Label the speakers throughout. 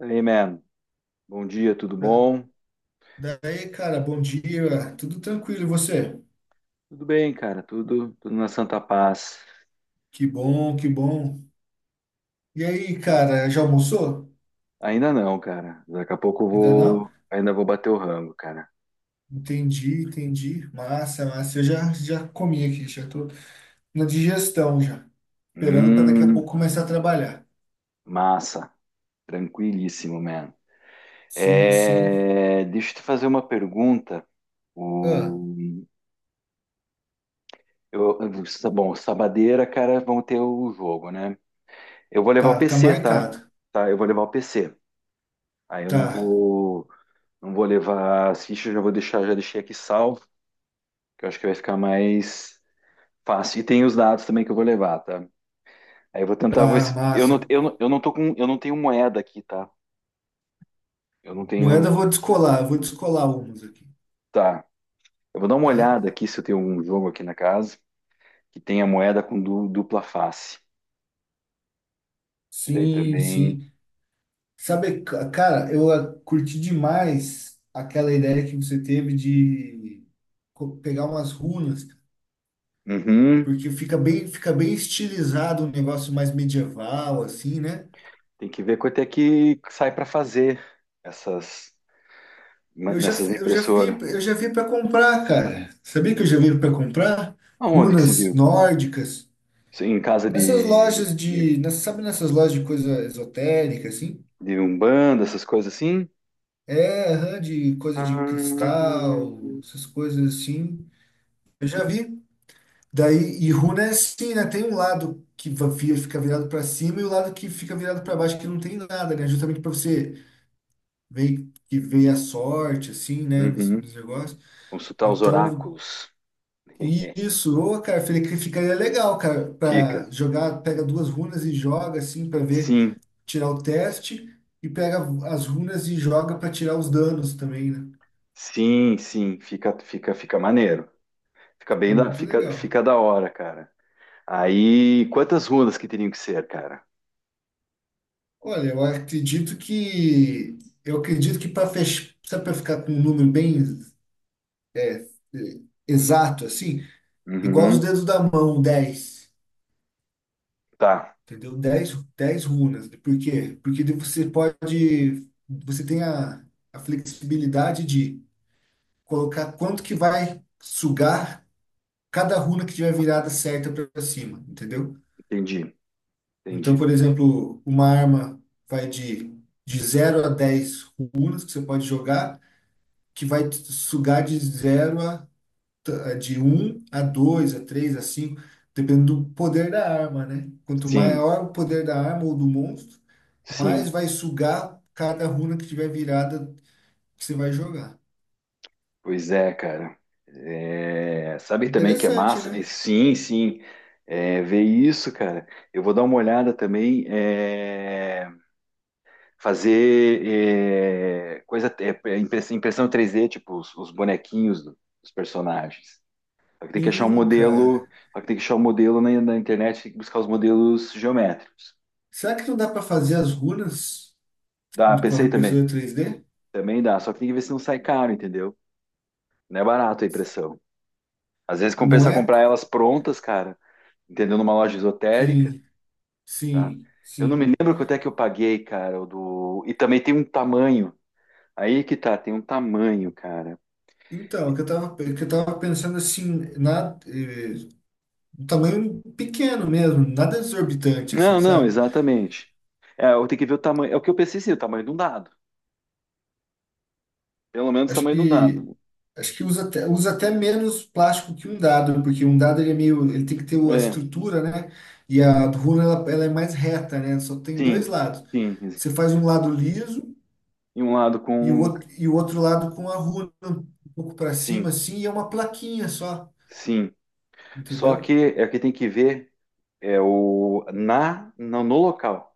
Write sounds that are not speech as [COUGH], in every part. Speaker 1: Hey, man. Bom dia, tudo
Speaker 2: Da-
Speaker 1: bom?
Speaker 2: Daí, cara, bom dia, tudo tranquilo, e você?
Speaker 1: Tudo bem, cara, tudo na santa paz.
Speaker 2: Que bom, que bom. E aí, cara, já almoçou?
Speaker 1: Ainda não, cara. Daqui a pouco eu
Speaker 2: Ainda não?
Speaker 1: vou, ainda vou bater o rango, cara.
Speaker 2: Entendi, entendi. Massa, massa. Eu já comi aqui, já tô na digestão já. Esperando para daqui a
Speaker 1: Hum,
Speaker 2: pouco começar a trabalhar.
Speaker 1: massa. Tranquilíssimo, man.
Speaker 2: Sim, sim.
Speaker 1: É, deixa eu te fazer uma pergunta.
Speaker 2: Ah,
Speaker 1: O, eu, tá bom, sabadeira, cara, vão ter o jogo, né? Eu vou levar o
Speaker 2: tá, tá
Speaker 1: PC, tá?
Speaker 2: marcado.
Speaker 1: Tá, eu vou levar o PC. Aí eu não
Speaker 2: Tá,
Speaker 1: vou, não vou levar as fichas, já vou deixar, já deixei aqui salvo, que eu acho que vai ficar mais. Faço. E tem os dados também que eu vou levar, tá? Aí eu vou tentar vou
Speaker 2: tá,
Speaker 1: se. Eu não,
Speaker 2: massa.
Speaker 1: eu não, eu não tô com. Eu não tenho moeda aqui, tá? Eu não
Speaker 2: Moeda
Speaker 1: tenho.
Speaker 2: eu vou descolar umas aqui,
Speaker 1: Tá. Eu vou dar uma
Speaker 2: tá?
Speaker 1: olhada aqui se eu tenho um jogo aqui na casa que tenha moeda com dupla face. Que daí
Speaker 2: Sim,
Speaker 1: também.
Speaker 2: sim. Sabe, cara, eu curti demais aquela ideia que você teve de pegar umas runas,
Speaker 1: Uhum.
Speaker 2: porque fica bem estilizado um negócio mais medieval assim, né?
Speaker 1: Tem que ver quanto é que sai para fazer essas
Speaker 2: Eu já,
Speaker 1: nessas
Speaker 2: eu já vi,
Speaker 1: impressoras.
Speaker 2: eu já vi para comprar, cara. Sabia que eu já vi para comprar
Speaker 1: Aonde que se
Speaker 2: runas
Speaker 1: viu?
Speaker 2: nórdicas
Speaker 1: Isso. Em casa
Speaker 2: nessas
Speaker 1: de,
Speaker 2: lojas
Speaker 1: de,
Speaker 2: de, nessa- sabe, nessas lojas de coisa esotérica assim?
Speaker 1: de Umbanda, essas coisas assim?
Speaker 2: É, aham, de coisa
Speaker 1: Ah,
Speaker 2: de cristal, essas coisas assim. Eu já vi. Daí, e runa é assim, né? Tem um lado que fica virado para cima e o lado que fica virado para baixo, que não tem nada, né? Justamente para você ver que veio a sorte, assim, né? Nos,
Speaker 1: uhum.
Speaker 2: nos negócios.
Speaker 1: Consultar os
Speaker 2: Então,
Speaker 1: oráculos.
Speaker 2: e isso, ô, cara, falei que ficaria legal, cara,
Speaker 1: Dica.
Speaker 2: para jogar, pega duas runas e joga, assim, para ver,
Speaker 1: Sim,
Speaker 2: tirar o teste, e pega as runas e joga para tirar os danos também, né?
Speaker 1: sim, sim, fica maneiro. Fica bem
Speaker 2: Fica
Speaker 1: da,
Speaker 2: muito
Speaker 1: fica,
Speaker 2: legal.
Speaker 1: fica da hora, cara. Aí, quantas rundas que teriam que ser, cara?
Speaker 2: Olha, eu acredito que. Eu acredito que para fechar, para ficar com um número bem é, é, exato, assim, igual os
Speaker 1: Uhum,
Speaker 2: dedos da mão, 10,
Speaker 1: tá,
Speaker 2: entendeu? Dez runas. Por quê? Porque daí você tem a flexibilidade de colocar quanto que vai sugar cada runa que tiver virada certa para cima, entendeu?
Speaker 1: entendi,
Speaker 2: Então,
Speaker 1: entendi.
Speaker 2: por exemplo, uma arma vai de zero a 10 runas que você pode jogar, que vai sugar de zero a de um a 2 a 3 a 5 dependendo do poder da arma, né? Quanto
Speaker 1: Sim,
Speaker 2: maior o poder da arma ou do monstro, mais
Speaker 1: sim,
Speaker 2: vai sugar cada runa que tiver virada que você vai jogar.
Speaker 1: pois é, cara. É, sabe também que é
Speaker 2: Interessante,
Speaker 1: massa? É,
Speaker 2: né?
Speaker 1: sim, sim, é, ver isso, cara. Eu vou dar uma olhada também, é, fazer, é, coisa, é, impressão 3D, tipo os bonequinhos dos personagens. Só que tem que achar um
Speaker 2: Sim,
Speaker 1: modelo,
Speaker 2: cara.
Speaker 1: só que tem que achar um modelo na internet, tem que buscar os modelos geométricos.
Speaker 2: Será que não dá para fazer as runas
Speaker 1: Dá,
Speaker 2: com a
Speaker 1: pensei também.
Speaker 2: impressora 3D?
Speaker 1: Também dá, só que tem que ver se não sai caro, entendeu? Não é barato a impressão. Às vezes
Speaker 2: Não
Speaker 1: compensa
Speaker 2: é?
Speaker 1: comprar elas prontas, cara, entendeu? Numa loja esotérica,
Speaker 2: Sim,
Speaker 1: tá?
Speaker 2: sim,
Speaker 1: Eu não me
Speaker 2: sim.
Speaker 1: lembro quanto é que eu paguei, cara, o do. E também tem um tamanho. Aí que tá, tem um tamanho, cara.
Speaker 2: Então, o que eu tava pensando assim, um tamanho pequeno mesmo, nada exorbitante, assim,
Speaker 1: Não, não,
Speaker 2: sabe?
Speaker 1: exatamente. É, eu tenho que ver o tamanho. É o que eu pensei, sim, o tamanho de um dado. Pelo menos o
Speaker 2: Acho
Speaker 1: tamanho de um
Speaker 2: que
Speaker 1: dado.
Speaker 2: acho que usa até menos plástico que um dado, porque um dado ele é meio, ele tem que ter a
Speaker 1: É,
Speaker 2: estrutura, né? E a runa ela é mais reta, né? Só tem dois
Speaker 1: sim,
Speaker 2: lados.
Speaker 1: sim,
Speaker 2: Você faz um lado liso
Speaker 1: e um lado
Speaker 2: e o
Speaker 1: com. Um,
Speaker 2: outro, e o outro lado com a runa um pouco para cima
Speaker 1: sim,
Speaker 2: assim, e é uma plaquinha só,
Speaker 1: sim. Só
Speaker 2: entendeu?
Speaker 1: que é o que tem que ver é o na no, no local,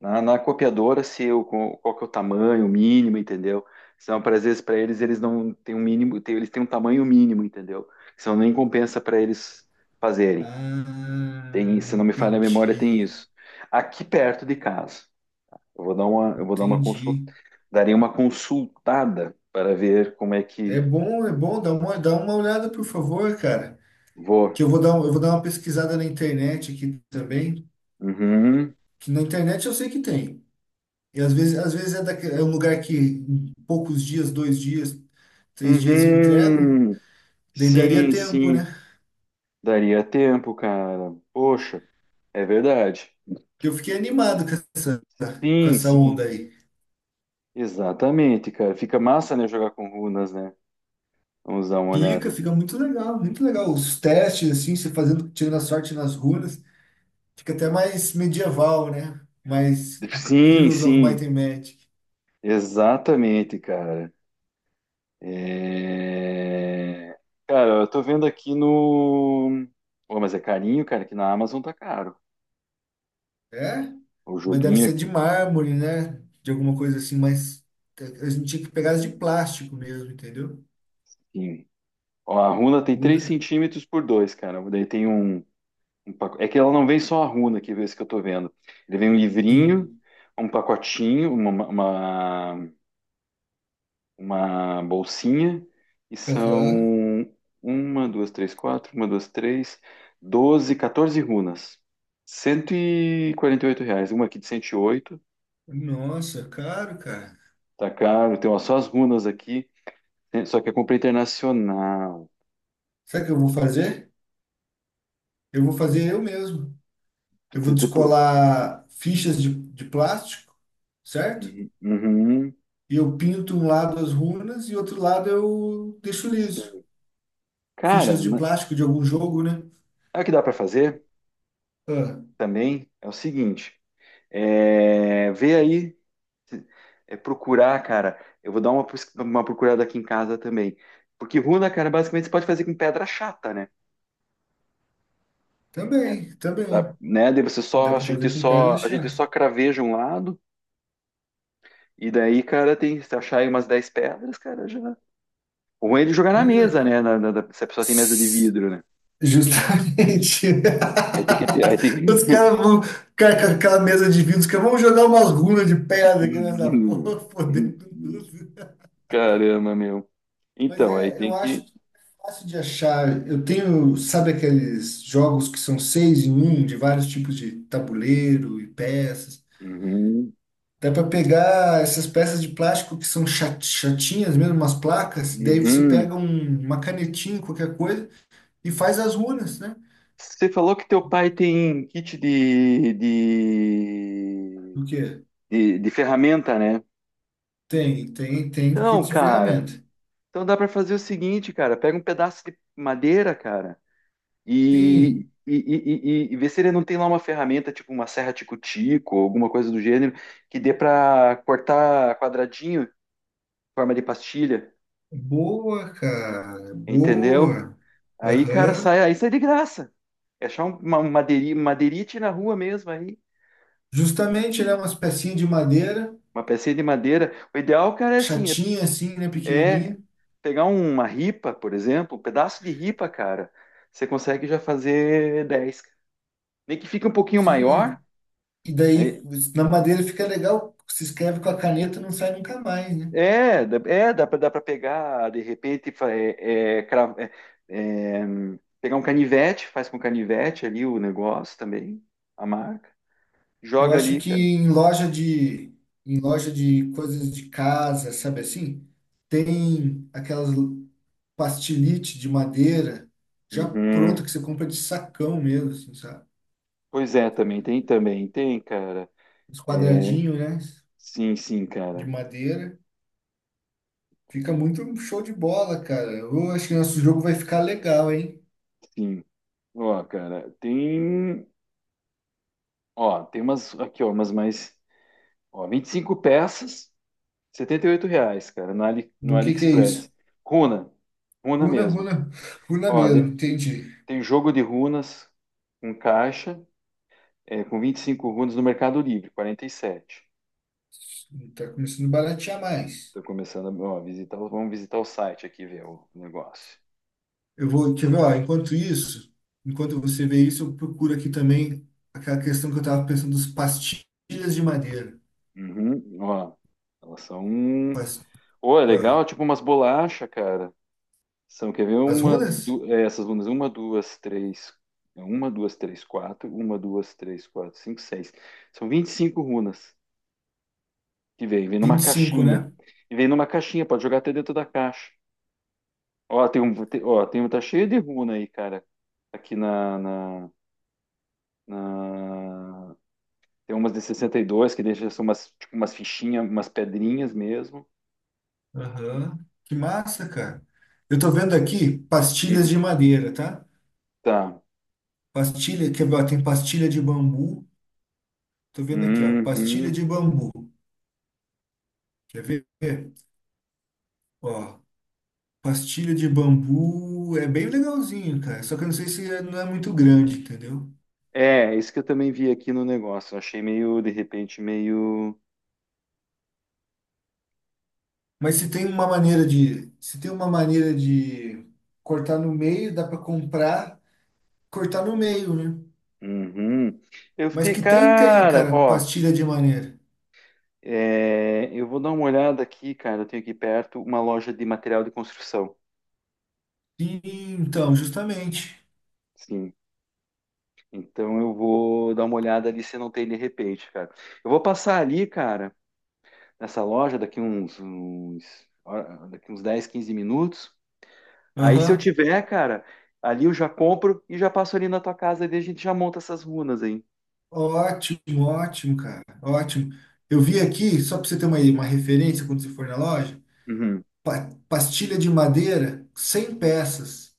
Speaker 1: na copiadora, se eu co- qual que é o tamanho o mínimo, entendeu? São para às vezes para eles não têm um mínimo, eles têm um tamanho mínimo, entendeu? Senão nem compensa para eles fazerem. Tem,
Speaker 2: Ah,
Speaker 1: se não me falha a memória, tem
Speaker 2: entendi.
Speaker 1: isso. Aqui perto de casa, eu vou dar uma consulta,
Speaker 2: Entendi.
Speaker 1: daria uma consultada para ver como é
Speaker 2: É
Speaker 1: que
Speaker 2: bom, é bom, dá uma olhada, por favor, cara.
Speaker 1: vou.
Speaker 2: Que eu vou dar uma pesquisada na internet aqui também.
Speaker 1: Uhum.
Speaker 2: Na internet eu sei que tem. E às vezes é, é um lugar que em poucos dias, 2 dias, 3 dias entregam,
Speaker 1: Uhum.
Speaker 2: daí daria
Speaker 1: Sim,
Speaker 2: tempo, né?
Speaker 1: sim. Daria tempo, cara. Poxa, é verdade.
Speaker 2: Porque eu fiquei animado com essa, com
Speaker 1: Sim,
Speaker 2: essa
Speaker 1: sim.
Speaker 2: onda aí.
Speaker 1: Exatamente, cara. Fica massa, né, jogar com runas, né? Vamos dar uma
Speaker 2: Fica,
Speaker 1: olhada
Speaker 2: fica muito legal, muito legal. Os testes, assim, você fazendo, tirando a sorte nas runas, fica até mais medieval, né? Mais
Speaker 1: aqui. Sim,
Speaker 2: Heroes of
Speaker 1: sim.
Speaker 2: Might and Magic.
Speaker 1: Exatamente, cara. É. Cara, eu tô vendo aqui no. Pô, mas é carinho, cara, que na Amazon tá caro.
Speaker 2: É?
Speaker 1: O
Speaker 2: Mas deve
Speaker 1: joguinho
Speaker 2: ser de
Speaker 1: aqui.
Speaker 2: mármore, né? De alguma coisa assim, mais. A gente tinha que pegar as de plástico mesmo, entendeu?
Speaker 1: Sim. Ó, a runa tem três
Speaker 2: Runa.
Speaker 1: centímetros por dois cara. Daí tem um. É que ela não vem só a runa, que é esse que eu tô vendo. Ele vem um livrinho,
Speaker 2: Sim.
Speaker 1: um pacotinho, uma bolsinha, e
Speaker 2: Aham.
Speaker 1: são uma, duas, três, quatro, uma, duas, três, doze, 14 runas. R$ 148. Uma aqui de 108,
Speaker 2: Nossa, caro, cara.
Speaker 1: tá caro. Tem, ó, só as runas aqui, né, só que eu comprei internacional.
Speaker 2: Sabe o que eu vou fazer? Eu vou fazer eu mesmo. Eu vou
Speaker 1: De- depo-
Speaker 2: descolar fichas de plástico, certo?
Speaker 1: Uhum, uhum,
Speaker 2: E eu pinto um lado as runas e outro lado eu deixo liso.
Speaker 1: sim. Cara,
Speaker 2: Fichas de
Speaker 1: né,
Speaker 2: plástico de algum jogo, né?
Speaker 1: sabe o que dá para fazer
Speaker 2: Ah,
Speaker 1: também? É o seguinte. É, vê aí, é, procurar, cara. Eu vou dar uma, pus- uma procurada aqui em casa também. Porque runa, cara, basicamente você pode fazer com pedra chata, né?
Speaker 2: também,
Speaker 1: Tá?
Speaker 2: também.
Speaker 1: Né?
Speaker 2: Dá
Speaker 1: A
Speaker 2: pra
Speaker 1: gente
Speaker 2: fazer com pedra
Speaker 1: só, a gente
Speaker 2: chata.
Speaker 1: só craveja um lado, e daí, cara, tem, se achar aí umas 10 pedras, cara, já. O ruim é de jogar na mesa,
Speaker 2: Mas,
Speaker 1: né? Se a pessoa tem mesa de vidro, né?
Speaker 2: eh, justamente.
Speaker 1: Aí tem que ter, aí
Speaker 2: [LAUGHS]
Speaker 1: tem
Speaker 2: Os caras
Speaker 1: que.
Speaker 2: vão. Cara, com aquela mesa de vidro, os caras vão jogar umas runas de pedra aqui nessa [LAUGHS] porra, fodendo
Speaker 1: [LAUGHS]
Speaker 2: tudo.
Speaker 1: Caramba, meu.
Speaker 2: Mas
Speaker 1: Então, aí
Speaker 2: é, eu
Speaker 1: tem que.
Speaker 2: acho que é fácil de achar. Eu tenho, sabe aqueles jogos que são seis em um, de vários tipos de tabuleiro e peças.
Speaker 1: Uhum,
Speaker 2: Dá para pegar essas peças de plástico que são chatinhas mesmo, umas placas, daí você
Speaker 1: uhum.
Speaker 2: pega uma canetinha, qualquer coisa, e faz as runas, né?
Speaker 1: Você falou que teu pai tem kit de, de,
Speaker 2: Porque.
Speaker 1: de, de ferramenta, né?
Speaker 2: Tem kit
Speaker 1: Então,
Speaker 2: de
Speaker 1: cara,
Speaker 2: ferramenta.
Speaker 1: então dá para fazer o seguinte, cara, pega um pedaço de madeira, cara, e,
Speaker 2: Sim,
Speaker 1: e, e, e- e vê se ele não tem lá uma ferramenta, tipo uma serra tico-tico, ou alguma coisa do gênero, que dê para cortar quadradinho, forma de pastilha,
Speaker 2: boa, cara,
Speaker 1: entendeu?
Speaker 2: boa.
Speaker 1: Aí, cara,
Speaker 2: Aham.
Speaker 1: aí sai de graça. É achar uma, madeirite na rua mesmo aí,
Speaker 2: Justamente, né, umas pecinhas de madeira,
Speaker 1: uma pecinha de madeira. O ideal, cara, é assim,
Speaker 2: chatinha assim, né,
Speaker 1: é
Speaker 2: pequenininha.
Speaker 1: pegar uma ripa, por exemplo, um pedaço de ripa, cara, você consegue já fazer 10. Nem que fique um pouquinho maior,
Speaker 2: Sim, e daí
Speaker 1: aí-
Speaker 2: na madeira fica legal, se escreve com a caneta, não sai nunca mais, né?
Speaker 1: é, é, dá pra pegar, de repente, é, é, é, é, pegar um canivete, faz com canivete ali o negócio também, a marca,
Speaker 2: Eu
Speaker 1: joga
Speaker 2: acho
Speaker 1: ali,
Speaker 2: que
Speaker 1: cara.
Speaker 2: em loja de coisas de casa, sabe assim, tem aquelas pastilite de madeira já pronta
Speaker 1: Uhum.
Speaker 2: que você compra de sacão mesmo, assim, sabe?
Speaker 1: Pois é, também tem, cara.
Speaker 2: Os quadradinhos, né?
Speaker 1: Sim, sim,
Speaker 2: De
Speaker 1: cara.
Speaker 2: madeira. Fica muito um show de bola, cara. Eu acho que nosso jogo vai ficar legal, hein?
Speaker 1: Sim. Ó, cara, tem, ó, tem umas aqui, ó, umas mais. Ó, 25 peças, R$ 78, cara, no, Ali, no
Speaker 2: Do que é
Speaker 1: AliExpress.
Speaker 2: isso?
Speaker 1: Runa, runa
Speaker 2: Runa,
Speaker 1: mesmo.
Speaker 2: runa, runa
Speaker 1: Ó,
Speaker 2: mesmo, entendi.
Speaker 1: tem jogo de runas com caixa, é, com 25 runas no Mercado Livre, 47.
Speaker 2: Tá começando a baratear mais.
Speaker 1: Estou começando a, ó, visitar, vamos visitar o site aqui, ver o negócio.
Speaker 2: Eu vou, quer ver, ó, enquanto isso, enquanto você vê isso, eu procuro aqui também aquela questão que eu tava pensando dos pastilhas de madeira.
Speaker 1: Uhum, ó, elas são.
Speaker 2: Pas-
Speaker 1: Ô, é
Speaker 2: ah,
Speaker 1: legal, tipo umas bolachas, cara. São, quer ver,
Speaker 2: as
Speaker 1: uma,
Speaker 2: runas?
Speaker 1: é, essas bundas, uma, duas, três, quatro, uma, duas, três, quatro, cinco, seis. São 25 runas que vem
Speaker 2: vinte
Speaker 1: numa
Speaker 2: e cinco,
Speaker 1: caixinha.
Speaker 2: né?
Speaker 1: E vem numa caixinha, pode jogar até dentro da caixa. Ó, tem um, ó, tem um, tá cheio de runa aí, cara. Aqui na, na, na- Tem umas de 62 que deixa, são umas, tipo, umas fichinhas, umas pedrinhas mesmo.
Speaker 2: Aham. Que massa, cara. Eu tô vendo aqui pastilhas
Speaker 1: Uhum.
Speaker 2: de madeira, tá?
Speaker 1: Tá.
Speaker 2: Pastilha, quer ver? Ó, tem pastilha de bambu. Tô vendo aqui, ó. Pastilha
Speaker 1: Uhum.
Speaker 2: de bambu. Quer ver? Ó, pastilha de bambu é bem legalzinho, cara. Só que eu não sei se é- não é muito grande, entendeu?
Speaker 1: É, isso que eu também vi aqui no negócio. Eu achei meio, de repente, meio.
Speaker 2: Mas se tem uma maneira de, se tem uma maneira de cortar no meio, dá pra comprar, cortar no meio, né?
Speaker 1: Uhum. Eu
Speaker 2: Mas
Speaker 1: fiquei,
Speaker 2: que tem,
Speaker 1: cara,
Speaker 2: cara,
Speaker 1: ó,
Speaker 2: pastilha de maneira.
Speaker 1: é, eu vou dar uma olhada aqui, cara. Eu tenho aqui perto uma loja de material de construção.
Speaker 2: Sim, então, justamente.
Speaker 1: Sim. Então eu vou dar uma olhada ali se não tem de repente, cara. Eu vou passar ali, cara, nessa loja daqui daqui uns 10 15 minutos. Aí se eu
Speaker 2: Aham.
Speaker 1: tiver, cara, ali eu já compro e já passo ali na tua casa e a gente já monta essas runas aí.
Speaker 2: Ótimo, ótimo, cara. Ótimo. Eu vi aqui, só para você ter uma referência quando você for na loja,
Speaker 1: Uhum.
Speaker 2: pastilha de madeira, 100 peças,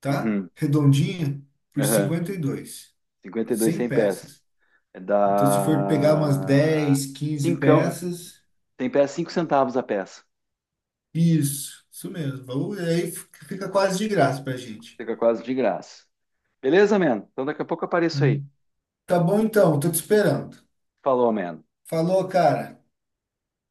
Speaker 2: tá?
Speaker 1: Uhum.
Speaker 2: Redondinha, por
Speaker 1: Aham.
Speaker 2: 52.
Speaker 1: 52,
Speaker 2: 100
Speaker 1: 100 pés.
Speaker 2: peças.
Speaker 1: É
Speaker 2: Então, se for pegar umas
Speaker 1: da.
Speaker 2: 10, 15
Speaker 1: Cincão.
Speaker 2: peças,
Speaker 1: Tem pé 5 centavos a peça.
Speaker 2: isso, isso mesmo. Aí fica quase de graça pra gente.
Speaker 1: Fica quase de graça. Beleza, man? Então daqui a pouco eu apareço aí.
Speaker 2: Tá bom então, tô te esperando.
Speaker 1: Falou, man.
Speaker 2: Falou, cara.